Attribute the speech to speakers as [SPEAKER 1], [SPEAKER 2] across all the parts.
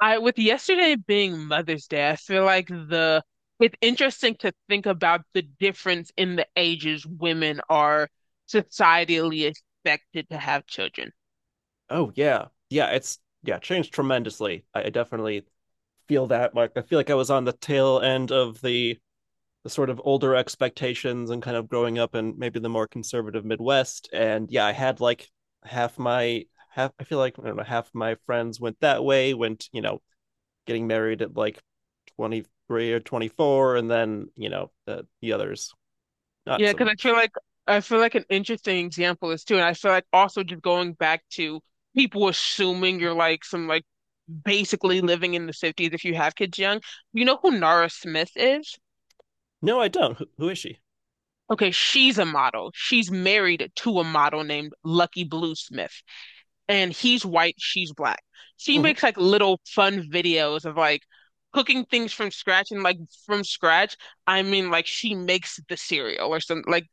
[SPEAKER 1] I with yesterday being Mother's Day, I feel like the it's interesting to think about the difference in the ages women are societally expected to have children.
[SPEAKER 2] Oh yeah, yeah. It's changed tremendously. I definitely feel that. Like I feel like I was on the tail end of the sort of older expectations and kind of growing up in maybe the more conservative Midwest. And yeah, I had like half my half. I feel like I don't know half my friends went that way. Went you know Getting married at like 23 or 24, and then the others not
[SPEAKER 1] Yeah,
[SPEAKER 2] so
[SPEAKER 1] because
[SPEAKER 2] much.
[SPEAKER 1] I feel like an interesting example is, too, and I feel like, also, just going back to people assuming you're like some, like, basically living in the 50s if you have kids young. You know who Nara Smith is?
[SPEAKER 2] No, I don't. Who is she?
[SPEAKER 1] Okay, she's a model. She's married to a model named Lucky Blue Smith. And he's white, she's black. She
[SPEAKER 2] hmm
[SPEAKER 1] makes like little fun videos of like cooking things from scratch, and like from scratch, I mean, like she makes the cereal or some, like,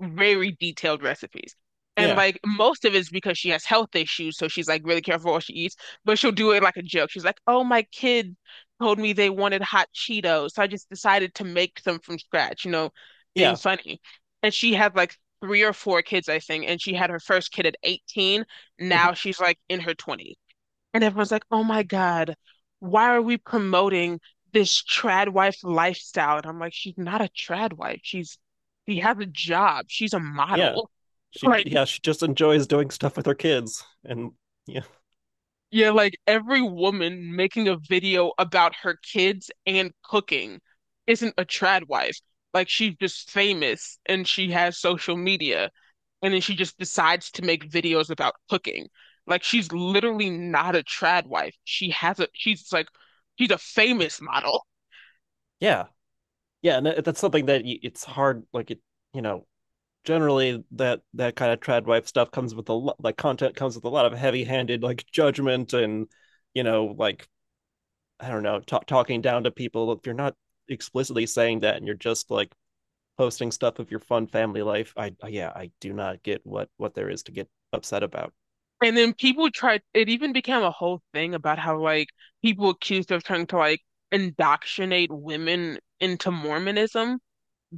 [SPEAKER 1] very detailed recipes. And
[SPEAKER 2] Yeah,
[SPEAKER 1] like most of it's because she has health issues, so she's like really careful what she eats, but she'll do it like a joke. She's like, "Oh, my kid told me they wanted hot Cheetos, so I just decided to make some from scratch," being
[SPEAKER 2] yeah.
[SPEAKER 1] funny. And she had like three or four kids, I think, and she had her first kid at 18.
[SPEAKER 2] hmm
[SPEAKER 1] Now she's like in her 20s. And everyone's like, oh my God, why are we promoting this trad wife lifestyle? And I'm like, she's not a trad wife. She has a job. She's a
[SPEAKER 2] Yeah.
[SPEAKER 1] model.
[SPEAKER 2] She
[SPEAKER 1] Like,
[SPEAKER 2] yeah, she just enjoys doing stuff with her kids and yeah.
[SPEAKER 1] yeah, like every woman making a video about her kids and cooking isn't a trad wife. Like she's just famous and she has social media and then she just decides to make videos about cooking. Like she's literally not a trad wife. She has a she's like She's a famous model.
[SPEAKER 2] Yeah. Yeah, and that's something that it's hard you know, generally that that kind of trad wife stuff comes with a lot like content comes with a lot of heavy-handed like judgment and you know, like I don't know, ta talking down to people if you're not explicitly saying that and you're just like posting stuff of your fun family life. I do not get what there is to get upset about.
[SPEAKER 1] And then it even became a whole thing about how, like, people accused of trying to, like, indoctrinate women into Mormonism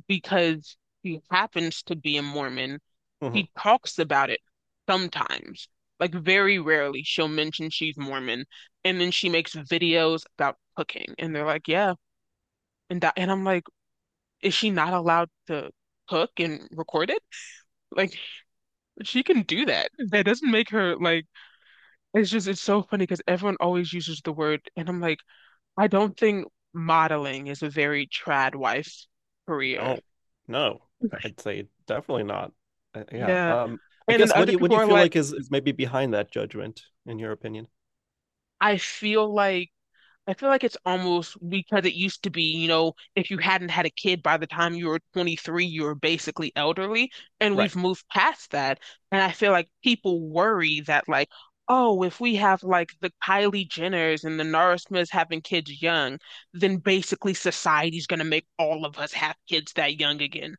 [SPEAKER 1] because she happens to be a Mormon.
[SPEAKER 2] Mhm.
[SPEAKER 1] She talks about it sometimes, like, very rarely she'll mention she's Mormon. And then she makes videos about cooking. And they're like, yeah. And I'm like, is she not allowed to cook and record it? Like, she can do that. That doesn't make her, like, It's just it's so funny because everyone always uses the word, and I'm like, I don't think modeling is a very trad wife career.
[SPEAKER 2] No, no, I'd say definitely not. Uh, yeah.
[SPEAKER 1] Yeah.
[SPEAKER 2] Um, I
[SPEAKER 1] And then
[SPEAKER 2] guess what do
[SPEAKER 1] other
[SPEAKER 2] you what do
[SPEAKER 1] people
[SPEAKER 2] you
[SPEAKER 1] are
[SPEAKER 2] feel
[SPEAKER 1] like,
[SPEAKER 2] like is maybe behind that judgment in your opinion?
[SPEAKER 1] I feel like it's almost because it used to be, you know, if you hadn't had a kid by the time you were 23, you were basically elderly, and
[SPEAKER 2] Right.
[SPEAKER 1] we've moved past that. And I feel like people worry that, like, oh, if we have like the Kylie Jenners and the Nara Smiths having kids young, then basically society's going to make all of us have kids that young again.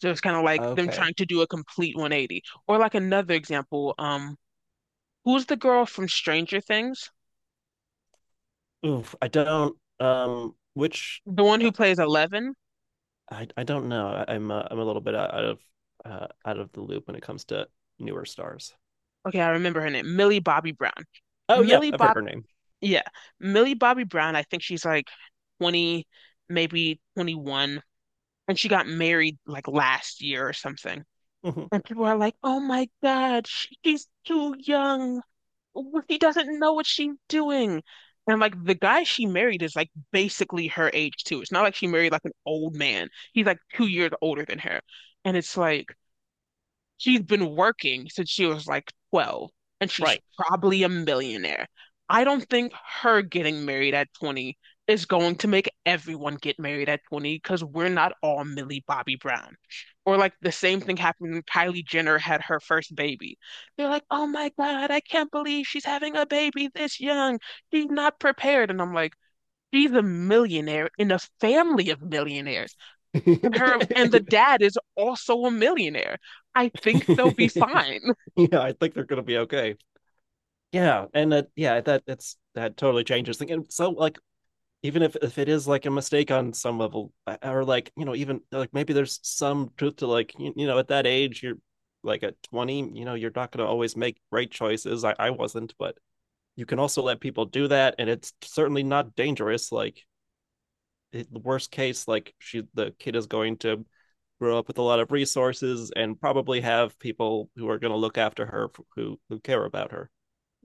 [SPEAKER 1] So it's kind of like them
[SPEAKER 2] Okay.
[SPEAKER 1] trying to do a complete 180. Or like another example, who's the girl from Stranger Things?
[SPEAKER 2] Oof, I don't which
[SPEAKER 1] The one
[SPEAKER 2] uh,
[SPEAKER 1] who plays Eleven?
[SPEAKER 2] I don't know. I'm a little bit out of out of the loop when it comes to newer stars.
[SPEAKER 1] Okay, I remember her name, Millie Bobby Brown.
[SPEAKER 2] Oh yeah,
[SPEAKER 1] Millie
[SPEAKER 2] I've heard
[SPEAKER 1] Bob,
[SPEAKER 2] her name.
[SPEAKER 1] yeah, Millie Bobby Brown. I think she's like 20, maybe 21, and she got married like last year or something.
[SPEAKER 2] hmm
[SPEAKER 1] And people are like, "Oh my God, she's too young. She doesn't know what she's doing." And like the guy she married is like basically her age too. It's not like she married like an old man. He's like 2 years older than her. And it's like, she's been working since she was like 12, and she's
[SPEAKER 2] Right.
[SPEAKER 1] probably a millionaire. I don't think her getting married at 20 is going to make everyone get married at 20 because we're not all Millie Bobby Brown. Or like the same thing happened when Kylie Jenner had her first baby. They're like, oh my God, I can't believe she's having a baby this young. She's not prepared. And I'm like, she's a millionaire in a family of millionaires. And her and the dad is also a millionaire. I think they'll be fine.
[SPEAKER 2] Yeah, I think they're gonna be okay. Yeah, and that yeah, that that's that totally changes things. And so like even if it is like a mistake on some level or like you know even like maybe there's some truth to like you know at that age you're like at 20 you know you're not going to always make right choices I wasn't but you can also let people do that and it's certainly not dangerous like the worst case like she the kid is going to grow up with a lot of resources and probably have people who are going to look after her who care about her.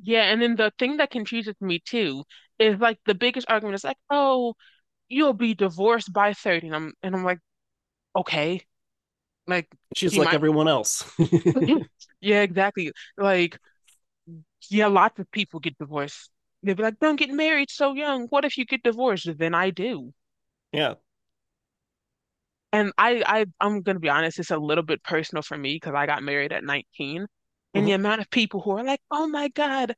[SPEAKER 1] Yeah, and then the thing that confuses me too is like the biggest argument is like, oh, you'll be divorced by 30. And I'm like, okay. Like
[SPEAKER 2] She's
[SPEAKER 1] she
[SPEAKER 2] like
[SPEAKER 1] might.
[SPEAKER 2] everyone else.
[SPEAKER 1] Yeah, exactly. Like, yeah, lots of people get divorced. They'd be like, don't get married so young. What if you get divorced? Then I do.
[SPEAKER 2] Yeah.
[SPEAKER 1] And I'm gonna be honest, it's a little bit personal for me because I got married at 19. And the
[SPEAKER 2] Mm-hmm.
[SPEAKER 1] amount of people who are like, oh my God.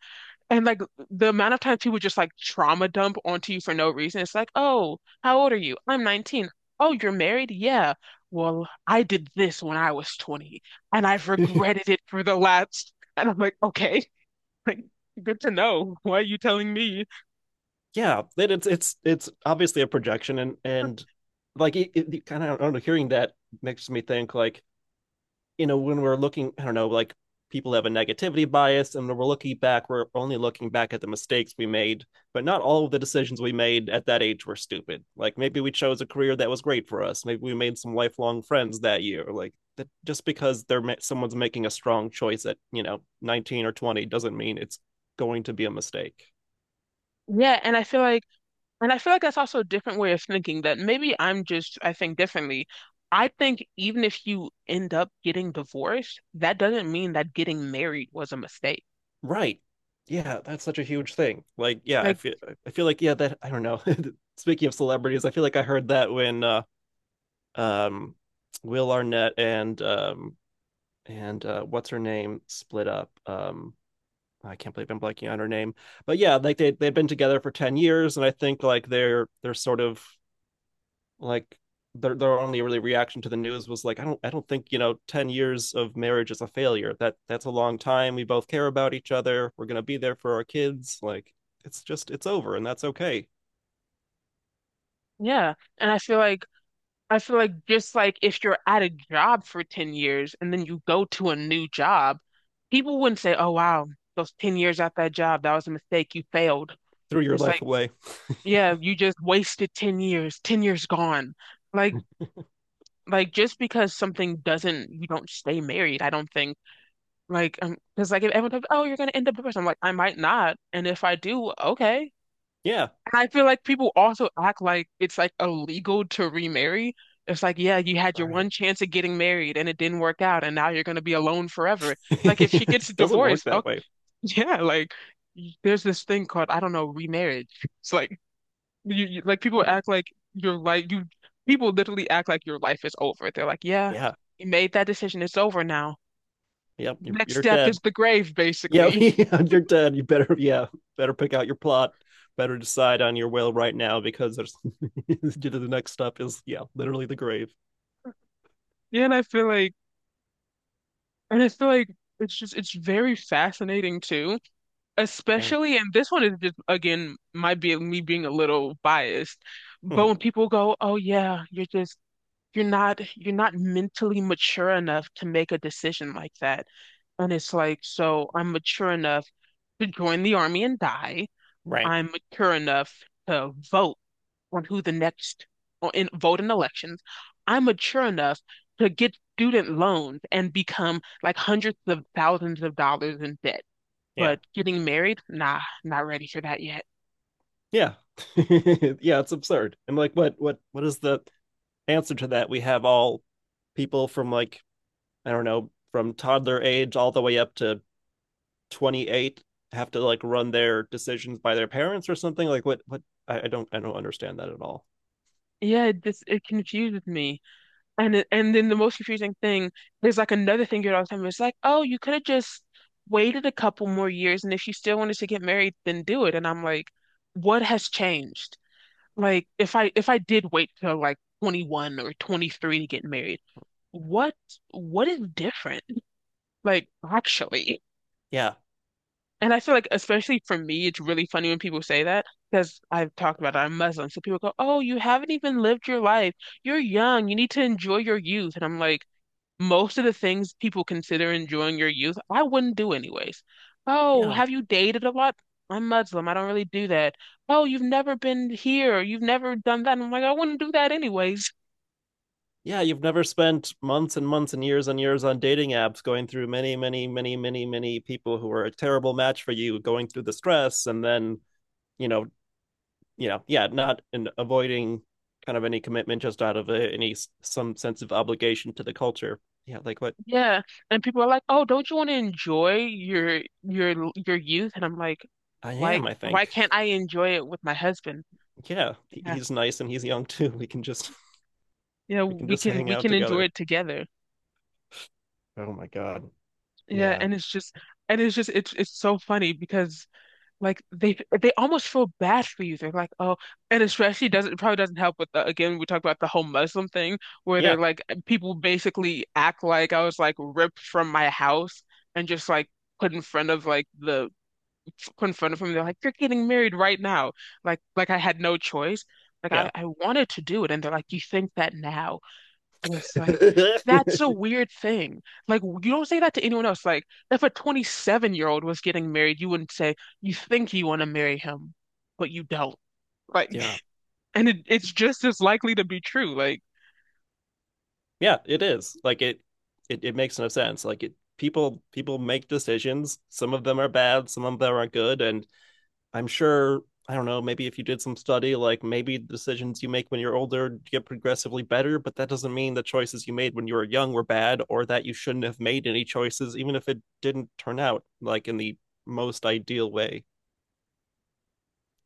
[SPEAKER 1] And like the amount of times people just like trauma dump onto you for no reason. It's like, oh, how old are you? I'm 19. Oh, you're married? Yeah. Well, I did this when I was 20 and I've regretted it for the last. And I'm like, okay, like good to know. Why are you telling me?
[SPEAKER 2] Yeah, it, it's obviously a projection, and it kind of I don't know, hearing that makes me think like you know when we're looking, I don't know, like people have a negativity bias, and when we're looking back, we're only looking back at the mistakes we made, but not all of the decisions we made at that age were stupid. Like maybe we chose a career that was great for us, maybe we made some lifelong friends that year, like. That just because they're someone's making a strong choice at you know 19 or 20 doesn't mean it's going to be a mistake.
[SPEAKER 1] Yeah, and I feel like that's also a different way of thinking that maybe I think differently. I think even if you end up getting divorced, that doesn't mean that getting married was a mistake.
[SPEAKER 2] Right. Yeah, that's such a huge thing. Like, yeah,
[SPEAKER 1] Like,
[SPEAKER 2] I feel like yeah, that I don't know. Speaking of celebrities, I feel like I heard that when um Will Arnett and what's her name split up. I can't believe I'm blanking on her name. But yeah, like they've been together for 10 years and I think like they're sort of like their only really reaction to the news was like, I don't think, you know, 10 years of marriage is a failure. That's a long time. We both care about each other. We're gonna be there for our kids. Like it's just it's over and that's okay.
[SPEAKER 1] yeah. And I feel like, just like, if you're at a job for 10 years and then you go to a new job, people wouldn't say, "Oh wow, those 10 years at that job, that was a mistake, you failed."
[SPEAKER 2] Threw your
[SPEAKER 1] It's like,
[SPEAKER 2] life away.
[SPEAKER 1] yeah, you just wasted 10 years. 10 years gone. Like like, just because something doesn't you don't stay married, I don't think. Like, because, like, if everyone goes, "Oh, you're going to end up divorced." I'm like, "I might not." And if I do, okay.
[SPEAKER 2] Yeah.
[SPEAKER 1] And I feel like people also act like it's like illegal to remarry. It's like, yeah, you had your one
[SPEAKER 2] Right.
[SPEAKER 1] chance at getting married and it didn't work out, and now you're going to be alone forever. Like, if she
[SPEAKER 2] It
[SPEAKER 1] gets
[SPEAKER 2] doesn't work
[SPEAKER 1] divorced, oh.
[SPEAKER 2] that way.
[SPEAKER 1] Yeah, like there's this thing called, I don't know, remarriage. It's like, you like people act like your life, you People literally act like your life is over. They're like, yeah,
[SPEAKER 2] Yeah.
[SPEAKER 1] you made that decision, it's over now.
[SPEAKER 2] Yep. You're,
[SPEAKER 1] Next
[SPEAKER 2] you're
[SPEAKER 1] step
[SPEAKER 2] dead.
[SPEAKER 1] is the grave,
[SPEAKER 2] Yeah,
[SPEAKER 1] basically.
[SPEAKER 2] yeah, you're dead. You better pick out your plot. Better decide on your will right now because there's the next step is yeah, literally the grave.
[SPEAKER 1] Yeah, and I feel like it's just, it's very fascinating, too,
[SPEAKER 2] Yeah.
[SPEAKER 1] especially, and this one is just, again, might be me being a little biased, but
[SPEAKER 2] Mhm.
[SPEAKER 1] when people go, "Oh yeah, you're not mentally mature enough to make a decision like that," and it's like, so I'm mature enough to join the army and die.
[SPEAKER 2] Right.
[SPEAKER 1] I'm mature enough to vote on who the next, or in vote in elections. I'm mature enough to get student loans and become like hundreds of thousands of dollars in debt.
[SPEAKER 2] Yeah.
[SPEAKER 1] But getting married, nah, not ready for that yet.
[SPEAKER 2] Yeah. Yeah, it's absurd. And like what is the answer to that? We have all people from like, I don't know, from toddler age all the way up to 28 have to like run their decisions by their parents or something. Like what I don't understand that at all.
[SPEAKER 1] Yeah, it confuses me. And then the most confusing thing, there's like another thing you hear all the time. It's like, oh, you could have just waited a couple more years, and if you still wanted to get married, then do it. And I'm like, what has changed? Like, if I did wait till like 21 or 23 to get married, what what is different? Like, actually.
[SPEAKER 2] Yeah.
[SPEAKER 1] And I feel like, especially for me, it's really funny when people say that because I've talked about it, I'm Muslim. So people go, oh, you haven't even lived your life. You're young. You need to enjoy your youth. And I'm like, most of the things people consider enjoying your youth, I wouldn't do anyways. Oh,
[SPEAKER 2] Yeah.
[SPEAKER 1] have you dated a lot? I'm Muslim. I don't really do that. Oh, you've never been here. You've never done that. And I'm like, I wouldn't do that anyways.
[SPEAKER 2] Yeah, you've never spent months and months and years on dating apps going through many, many, many, many, many people who are a terrible match for you, going through the stress and then, you know, yeah, not in avoiding kind of any commitment just out of any some sense of obligation to the culture. Yeah, like what
[SPEAKER 1] Yeah, and people are like, "Oh, don't you want to enjoy your youth?" And I'm like,
[SPEAKER 2] I am, I
[SPEAKER 1] Why
[SPEAKER 2] think.
[SPEAKER 1] can't I enjoy it with my husband?"
[SPEAKER 2] Yeah,
[SPEAKER 1] Yeah.
[SPEAKER 2] he's nice and he's young too. We can just
[SPEAKER 1] Yeah,
[SPEAKER 2] we can just hang
[SPEAKER 1] we
[SPEAKER 2] out
[SPEAKER 1] can enjoy
[SPEAKER 2] together.
[SPEAKER 1] it together.
[SPEAKER 2] Oh my God.
[SPEAKER 1] Yeah,
[SPEAKER 2] Yeah.
[SPEAKER 1] and it's just it's so funny because like they almost feel bad for you. They're like, "Oh." And especially, doesn't it probably doesn't help with the again we talk about the whole Muslim thing where
[SPEAKER 2] Yeah.
[SPEAKER 1] they're like, people basically act like I was like ripped from my house and just like put in front of, like, the— confronted them. They're like, "You're getting married right now." Like, I had no choice. Like,
[SPEAKER 2] Yeah.
[SPEAKER 1] I wanted to do it, and they're like, "You think that now?" And it's like, that's a weird thing. Like, you don't say that to anyone else. Like, if a 27-year-old was getting married, you wouldn't say, "You think you want to marry him, but you don't." Like,
[SPEAKER 2] Yeah.
[SPEAKER 1] and it's just as likely to be true. Like,
[SPEAKER 2] Yeah, it is. It makes no sense. Like it people people make decisions. Some of them are bad, some of them are good, and I'm sure I don't know, maybe if you did some study, like maybe the decisions you make when you're older get progressively better, but that doesn't mean the choices you made when you were young were bad or that you shouldn't have made any choices, even if it didn't turn out like in the most ideal way.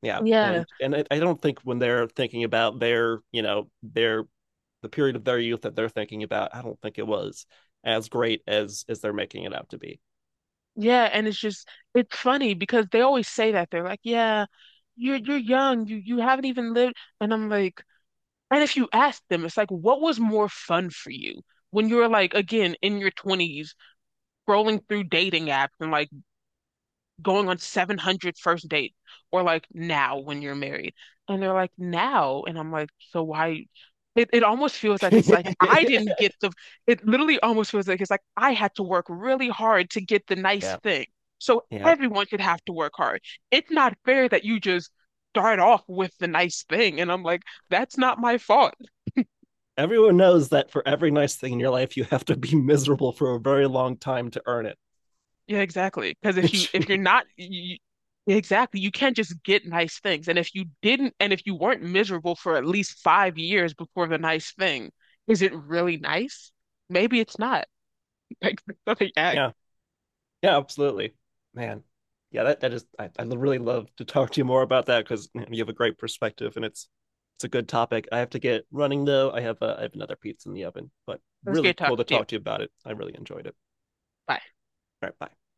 [SPEAKER 2] Yeah.
[SPEAKER 1] yeah.
[SPEAKER 2] And I don't think when they're thinking about their, you know, their the period of their youth that they're thinking about, I don't think it was as great as they're making it out to be.
[SPEAKER 1] Yeah, and it's funny because they always say that, they're like, "Yeah, you're young, you haven't even lived," and I'm like. And if you ask them, it's like, what was more fun for you when you were like, again, in your 20s, scrolling through dating apps and like going on 700 first dates, or like now when you're married? And they're like, now. And I'm like, so why? It almost feels like it's like I didn't get the— it literally almost feels like it's like I had to work really hard to get the nice
[SPEAKER 2] Yeah.
[SPEAKER 1] thing. So
[SPEAKER 2] Yeah.
[SPEAKER 1] everyone should have to work hard. It's not fair that you just start off with the nice thing. And I'm like, that's not my fault.
[SPEAKER 2] Everyone knows that for every nice thing in your life, you have to be miserable for a very long time to earn it.
[SPEAKER 1] Yeah, exactly. Because if you're not you, exactly, you can't just get nice things. And if you didn't, and if you weren't miserable for at least 5 years before the nice thing, is it really nice? Maybe it's not. Like, let me act.
[SPEAKER 2] Yeah, yeah, absolutely, man. Yeah, that that is. I really love to talk to you more about that because you know, you have a great perspective, and it's a good topic. I have to get running though. I have another pizza in the oven, but
[SPEAKER 1] It was great
[SPEAKER 2] really cool to
[SPEAKER 1] talking to you.
[SPEAKER 2] talk to you about it. I really enjoyed it.
[SPEAKER 1] Bye.
[SPEAKER 2] All right, bye.